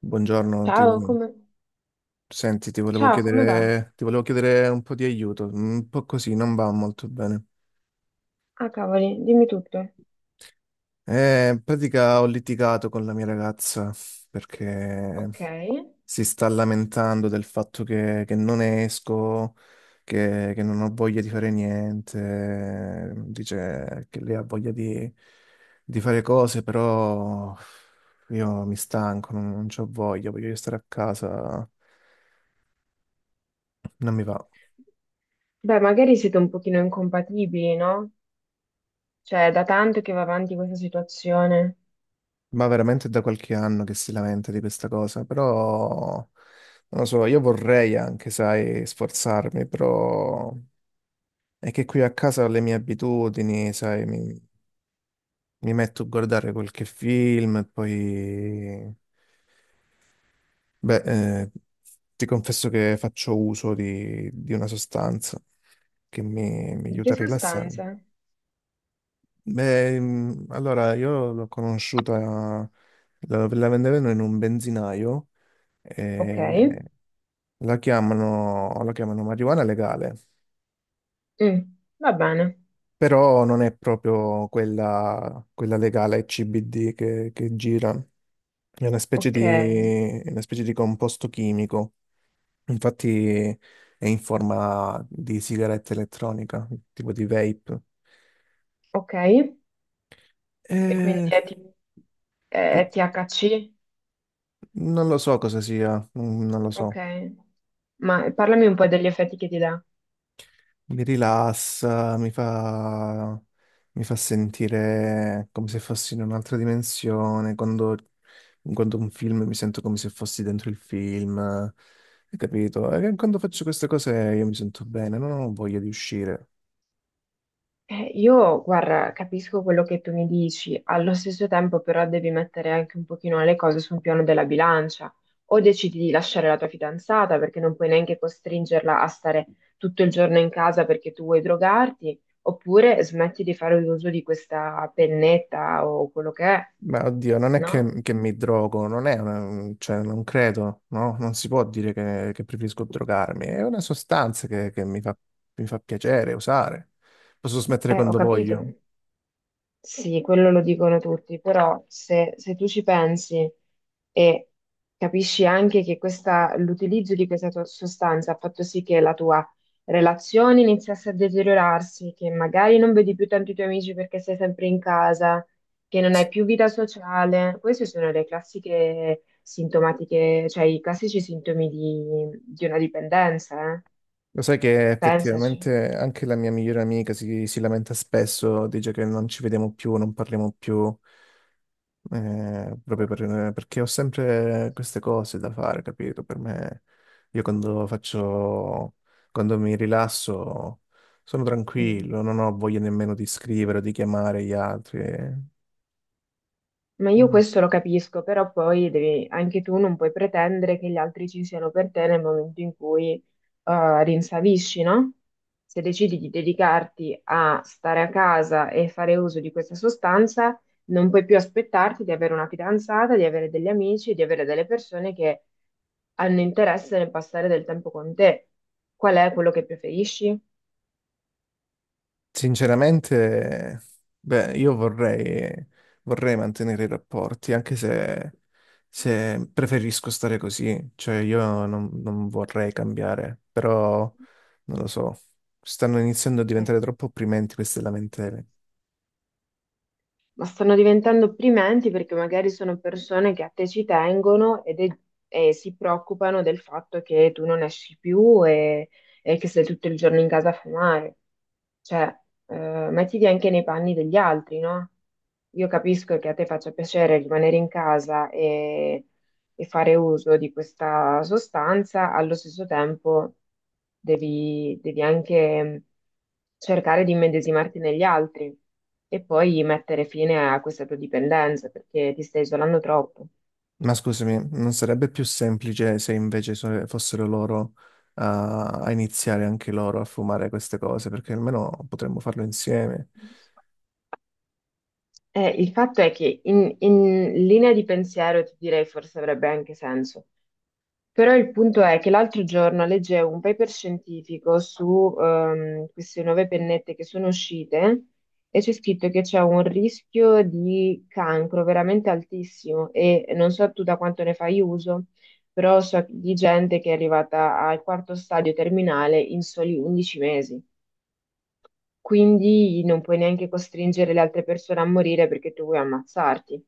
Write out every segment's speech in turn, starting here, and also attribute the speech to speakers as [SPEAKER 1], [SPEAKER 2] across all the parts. [SPEAKER 1] Buongiorno,
[SPEAKER 2] Ciao, come...
[SPEAKER 1] senti,
[SPEAKER 2] Ciao, come va?
[SPEAKER 1] ti volevo chiedere un po' di aiuto, un po' così, non va molto bene.
[SPEAKER 2] Ah, cavoli, dimmi tutto.
[SPEAKER 1] In pratica ho litigato con la mia ragazza perché
[SPEAKER 2] Ok.
[SPEAKER 1] si sta lamentando del fatto che non esco, che non ho voglia di fare niente, dice che lei ha voglia di fare cose, però io mi stanco, non c'ho voglia, voglio stare a casa, non mi va.
[SPEAKER 2] Beh, magari siete un pochino incompatibili, no? Cioè, è da tanto che va avanti questa situazione.
[SPEAKER 1] Ma veramente da qualche anno che si lamenta di questa cosa, però non lo so, io vorrei anche, sai, sforzarmi, però è che qui a casa ho le mie abitudini, sai, mi metto a guardare qualche film e poi, beh, eh, ti confesso che faccio uso di una sostanza mi
[SPEAKER 2] Di
[SPEAKER 1] aiuta
[SPEAKER 2] che
[SPEAKER 1] a rilassarmi.
[SPEAKER 2] sostanze?
[SPEAKER 1] Beh, allora io l'ho conosciuta, la vendevano in un benzinaio.
[SPEAKER 2] Ok.
[SPEAKER 1] E la chiamano marijuana legale,
[SPEAKER 2] Mm, va bene.
[SPEAKER 1] però non è proprio quella, quella legale CBD che gira, è una specie di,
[SPEAKER 2] Ok,
[SPEAKER 1] è una specie di composto chimico, infatti è in forma di sigaretta elettronica, tipo di vape.
[SPEAKER 2] ok. E quindi
[SPEAKER 1] E-
[SPEAKER 2] è, è THC?
[SPEAKER 1] Non lo so cosa sia, non lo
[SPEAKER 2] Ok.
[SPEAKER 1] so.
[SPEAKER 2] Ma parlami un po' degli effetti che ti dà.
[SPEAKER 1] Mi rilassa, mi fa sentire come se fossi in un'altra dimensione. Quando guardo un film mi sento come se fossi dentro il film. Hai capito? E quando faccio queste cose io mi sento bene, non ho voglia di uscire.
[SPEAKER 2] Io, guarda, capisco quello che tu mi dici, allo stesso tempo però devi mettere anche un pochino le cose sul piano della bilancia, o decidi di lasciare la tua fidanzata perché non puoi neanche costringerla a stare tutto il giorno in casa perché tu vuoi drogarti, oppure smetti di fare uso di questa pennetta o quello che è,
[SPEAKER 1] Ma oddio, non è
[SPEAKER 2] no?
[SPEAKER 1] che mi drogo, non è una, cioè, non credo, no? Non si può dire che preferisco drogarmi. È una sostanza che mi fa piacere usare. Posso smettere
[SPEAKER 2] Ho
[SPEAKER 1] quando
[SPEAKER 2] capito.
[SPEAKER 1] voglio.
[SPEAKER 2] Sì, quello lo dicono tutti, però se tu ci pensi e capisci anche che l'utilizzo di questa sostanza ha fatto sì che la tua relazione iniziasse a deteriorarsi, che magari non vedi più tanti tuoi amici perché sei sempre in casa, che non hai più vita sociale, queste sono le classiche sintomatiche, cioè i classici sintomi di una dipendenza, eh?
[SPEAKER 1] Lo sai che
[SPEAKER 2] Pensaci.
[SPEAKER 1] effettivamente anche la mia migliore amica si lamenta spesso, dice che non ci vediamo più, non parliamo più, perché ho sempre queste cose da fare, capito? Per me, io quando faccio, quando mi rilasso, sono
[SPEAKER 2] Mm.
[SPEAKER 1] tranquillo, non ho voglia nemmeno di scrivere o di chiamare gli altri.
[SPEAKER 2] Ma io questo lo capisco, però poi devi, anche tu non puoi pretendere che gli altri ci siano per te nel momento in cui rinsavisci, no? Se decidi di dedicarti a stare a casa e fare uso di questa sostanza, non puoi più aspettarti di avere una fidanzata, di avere degli amici, di avere delle persone che hanno interesse nel passare del tempo con te. Qual è quello che preferisci?
[SPEAKER 1] Sinceramente, beh, vorrei mantenere i rapporti, anche se, se preferisco stare così, cioè io non, non vorrei cambiare, però non lo so, stanno iniziando a
[SPEAKER 2] Eh.
[SPEAKER 1] diventare troppo opprimenti queste lamentele.
[SPEAKER 2] Ma stanno diventando opprimenti perché magari sono persone che a te ci tengono e si preoccupano del fatto che tu non esci più e che sei tutto il giorno in casa a fumare. Cioè, mettiti anche nei panni degli altri, no? Io capisco che a te faccia piacere rimanere in casa e fare uso di questa sostanza, allo stesso tempo devi, devi anche cercare di immedesimarti negli altri e poi mettere fine a questa tua dipendenza perché ti stai isolando troppo.
[SPEAKER 1] Ma scusami, non sarebbe più semplice se fossero loro a iniziare anche loro a fumare queste cose, perché almeno potremmo farlo insieme.
[SPEAKER 2] Il fatto è che in linea di pensiero ti direi forse avrebbe anche senso, però il punto è che l'altro giorno leggevo un paper scientifico su queste nuove pennette che sono uscite e c'è scritto che c'è un rischio di cancro veramente altissimo e non so tu da quanto ne fai uso, però so di gente che è arrivata al quarto stadio terminale in soli 11 mesi. Quindi non puoi neanche costringere le altre persone a morire perché tu vuoi ammazzarti.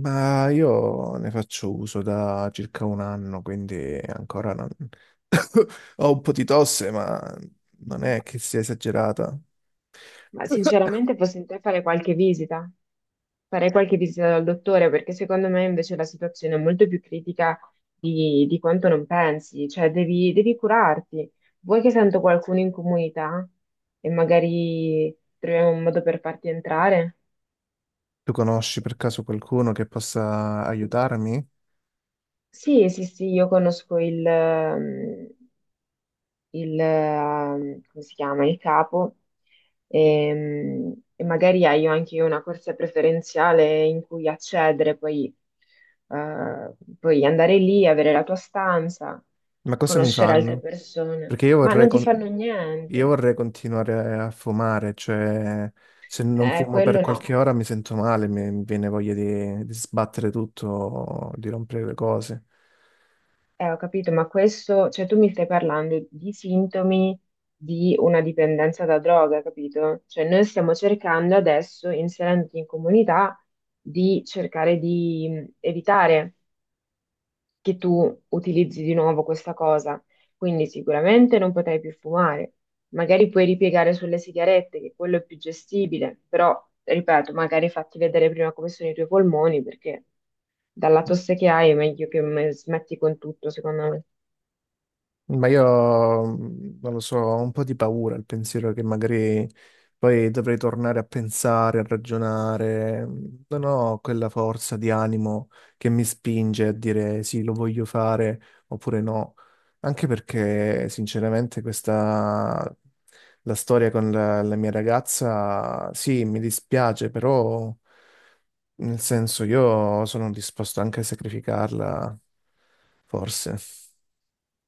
[SPEAKER 1] Ma io ne faccio uso da circa un anno, quindi ancora non... Ho un po' di tosse, ma non è che sia esagerata.
[SPEAKER 2] Ma sinceramente, fossi in te, fare qualche visita. Farei qualche visita dal dottore perché secondo me invece la situazione è molto più critica di quanto non pensi, cioè devi, devi curarti. Vuoi che sento qualcuno in comunità e magari troviamo un modo per farti entrare?
[SPEAKER 1] Tu conosci per caso qualcuno che possa aiutarmi?
[SPEAKER 2] Sì, sì, sì, io conosco il, come si chiama, il capo e, magari hai anche una corsia preferenziale in cui accedere, poi eh, puoi andare lì, avere la tua stanza,
[SPEAKER 1] Ma cosa mi
[SPEAKER 2] conoscere altre
[SPEAKER 1] fanno?
[SPEAKER 2] persone,
[SPEAKER 1] Perché
[SPEAKER 2] ma non ti fanno
[SPEAKER 1] io
[SPEAKER 2] niente.
[SPEAKER 1] vorrei continuare a fumare, cioè se non fumo per
[SPEAKER 2] Quello
[SPEAKER 1] qualche
[SPEAKER 2] no.
[SPEAKER 1] ora mi sento male, mi viene voglia di sbattere tutto, di rompere le cose.
[SPEAKER 2] Ho capito, ma questo, cioè tu mi stai parlando di sintomi di una dipendenza da droga, capito? Cioè noi stiamo cercando adesso, inserendoti in comunità, di cercare di evitare che tu utilizzi di nuovo questa cosa. Quindi sicuramente non potrai più fumare, magari puoi ripiegare sulle sigarette, che quello è più gestibile, però, ripeto, magari fatti vedere prima come sono i tuoi polmoni, perché dalla tosse che hai è meglio che smetti con tutto, secondo me.
[SPEAKER 1] Ma io non lo so, ho un po' di paura al pensiero che magari poi dovrei tornare a pensare, a ragionare. Non ho quella forza di animo che mi spinge a dire sì, lo voglio fare oppure no. Anche perché, sinceramente, questa la storia con la mia ragazza, sì, mi dispiace, però nel senso io sono disposto anche a sacrificarla, forse.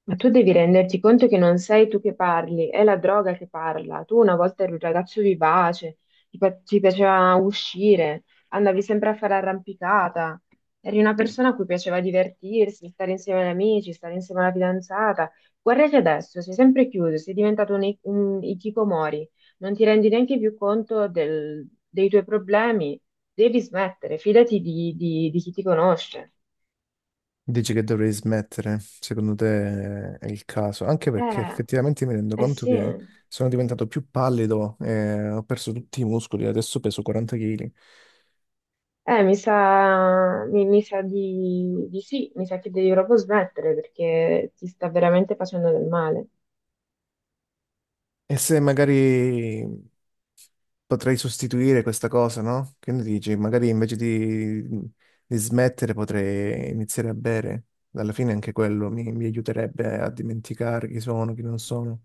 [SPEAKER 2] Ma tu devi renderti conto che non sei tu che parli, è la droga che parla. Tu una volta eri un ragazzo vivace, ti, ti piaceva uscire, andavi sempre a fare arrampicata, eri una persona a cui piaceva divertirsi, stare insieme agli amici, stare insieme alla fidanzata. Guarda che adesso sei sempre chiuso, sei diventato un, un hikikomori, non ti rendi neanche più conto dei tuoi problemi. Devi smettere, fidati di, di chi ti conosce.
[SPEAKER 1] Dici che dovrei smettere, secondo te è il caso, anche perché
[SPEAKER 2] Eh,
[SPEAKER 1] effettivamente mi rendo
[SPEAKER 2] eh
[SPEAKER 1] conto
[SPEAKER 2] sì.
[SPEAKER 1] che sono diventato più pallido, ho perso tutti i muscoli, adesso peso 40 kg.
[SPEAKER 2] Mi sa, mi sa di sì, mi sa che devi proprio smettere perché ti sta veramente facendo del male.
[SPEAKER 1] E se magari potrei sostituire questa cosa, no? Che ne dici? Magari di smettere potrei iniziare a bere. Alla fine anche mi aiuterebbe a dimenticare chi sono, chi non sono.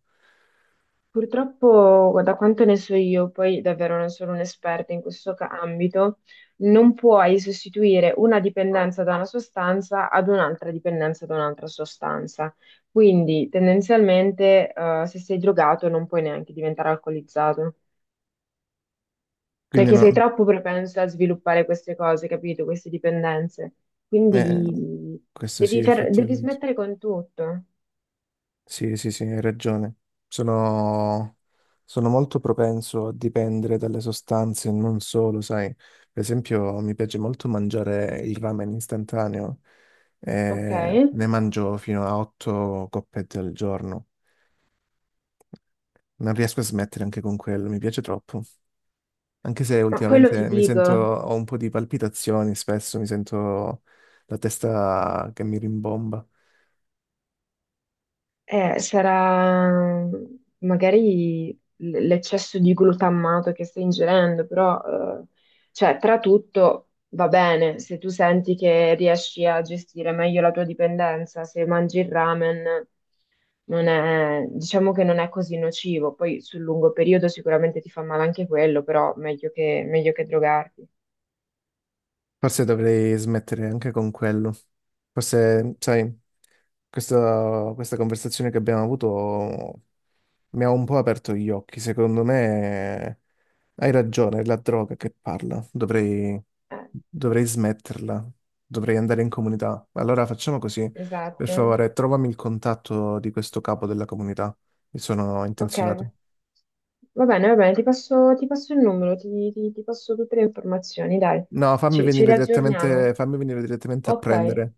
[SPEAKER 2] Purtroppo, da quanto ne so io, poi davvero non sono un'esperta in questo ambito, non puoi sostituire una dipendenza da una sostanza ad un'altra dipendenza da un'altra sostanza. Quindi, tendenzialmente, se sei drogato non puoi neanche diventare alcolizzato.
[SPEAKER 1] Quindi
[SPEAKER 2] Perché sei
[SPEAKER 1] no,
[SPEAKER 2] troppo propenso a sviluppare queste cose, capito? Queste dipendenze.
[SPEAKER 1] eh,
[SPEAKER 2] Quindi
[SPEAKER 1] questo sì,
[SPEAKER 2] devi, devi
[SPEAKER 1] effettivamente.
[SPEAKER 2] smettere con tutto,
[SPEAKER 1] Sì, sì, sì, hai ragione. Sono, sono molto propenso a dipendere dalle sostanze, non solo, sai. Per esempio, mi piace molto mangiare il ramen istantaneo,
[SPEAKER 2] ok?
[SPEAKER 1] e ne mangio fino a 8 coppette al giorno. Non riesco a smettere anche con quello, mi piace troppo. Anche se
[SPEAKER 2] Ma quello ti
[SPEAKER 1] ultimamente
[SPEAKER 2] dico.
[SPEAKER 1] ho un po' di palpitazioni, spesso mi sento la testa che mi rimbomba.
[SPEAKER 2] Sarà magari l'eccesso di glutammato che stai ingerendo, però, eh, cioè, tra tutto va bene se tu senti che riesci a gestire meglio la tua dipendenza, se mangi il ramen, non è, diciamo che non è così nocivo. Poi sul lungo periodo sicuramente ti fa male anche quello, però meglio che drogarti.
[SPEAKER 1] Forse dovrei smettere anche con quello. Forse, sai, questa conversazione che abbiamo avuto mi ha un po' aperto gli occhi. Secondo me hai ragione, è la droga che parla.
[SPEAKER 2] Eh,
[SPEAKER 1] Dovrei smetterla, dovrei andare in comunità. Allora facciamo così, per
[SPEAKER 2] esatto.
[SPEAKER 1] favore, trovami il contatto di questo capo della comunità. Mi sono
[SPEAKER 2] Ok,
[SPEAKER 1] intenzionato.
[SPEAKER 2] va bene, va bene, ti passo il numero, ti, ti passo tutte le informazioni, dai,
[SPEAKER 1] No,
[SPEAKER 2] ci riaggiorniamo.
[SPEAKER 1] fammi venire direttamente a
[SPEAKER 2] Ok,
[SPEAKER 1] prendere.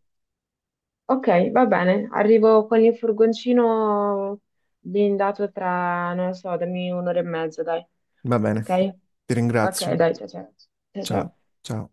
[SPEAKER 2] ok, va bene, arrivo con il furgoncino blindato tra, non lo so, dammi un'ora e mezza, dai,
[SPEAKER 1] Va bene,
[SPEAKER 2] ok?
[SPEAKER 1] ti
[SPEAKER 2] Ok,
[SPEAKER 1] ringrazio.
[SPEAKER 2] dai, ciao ciao. Ciao ciao.
[SPEAKER 1] Ciao, ciao.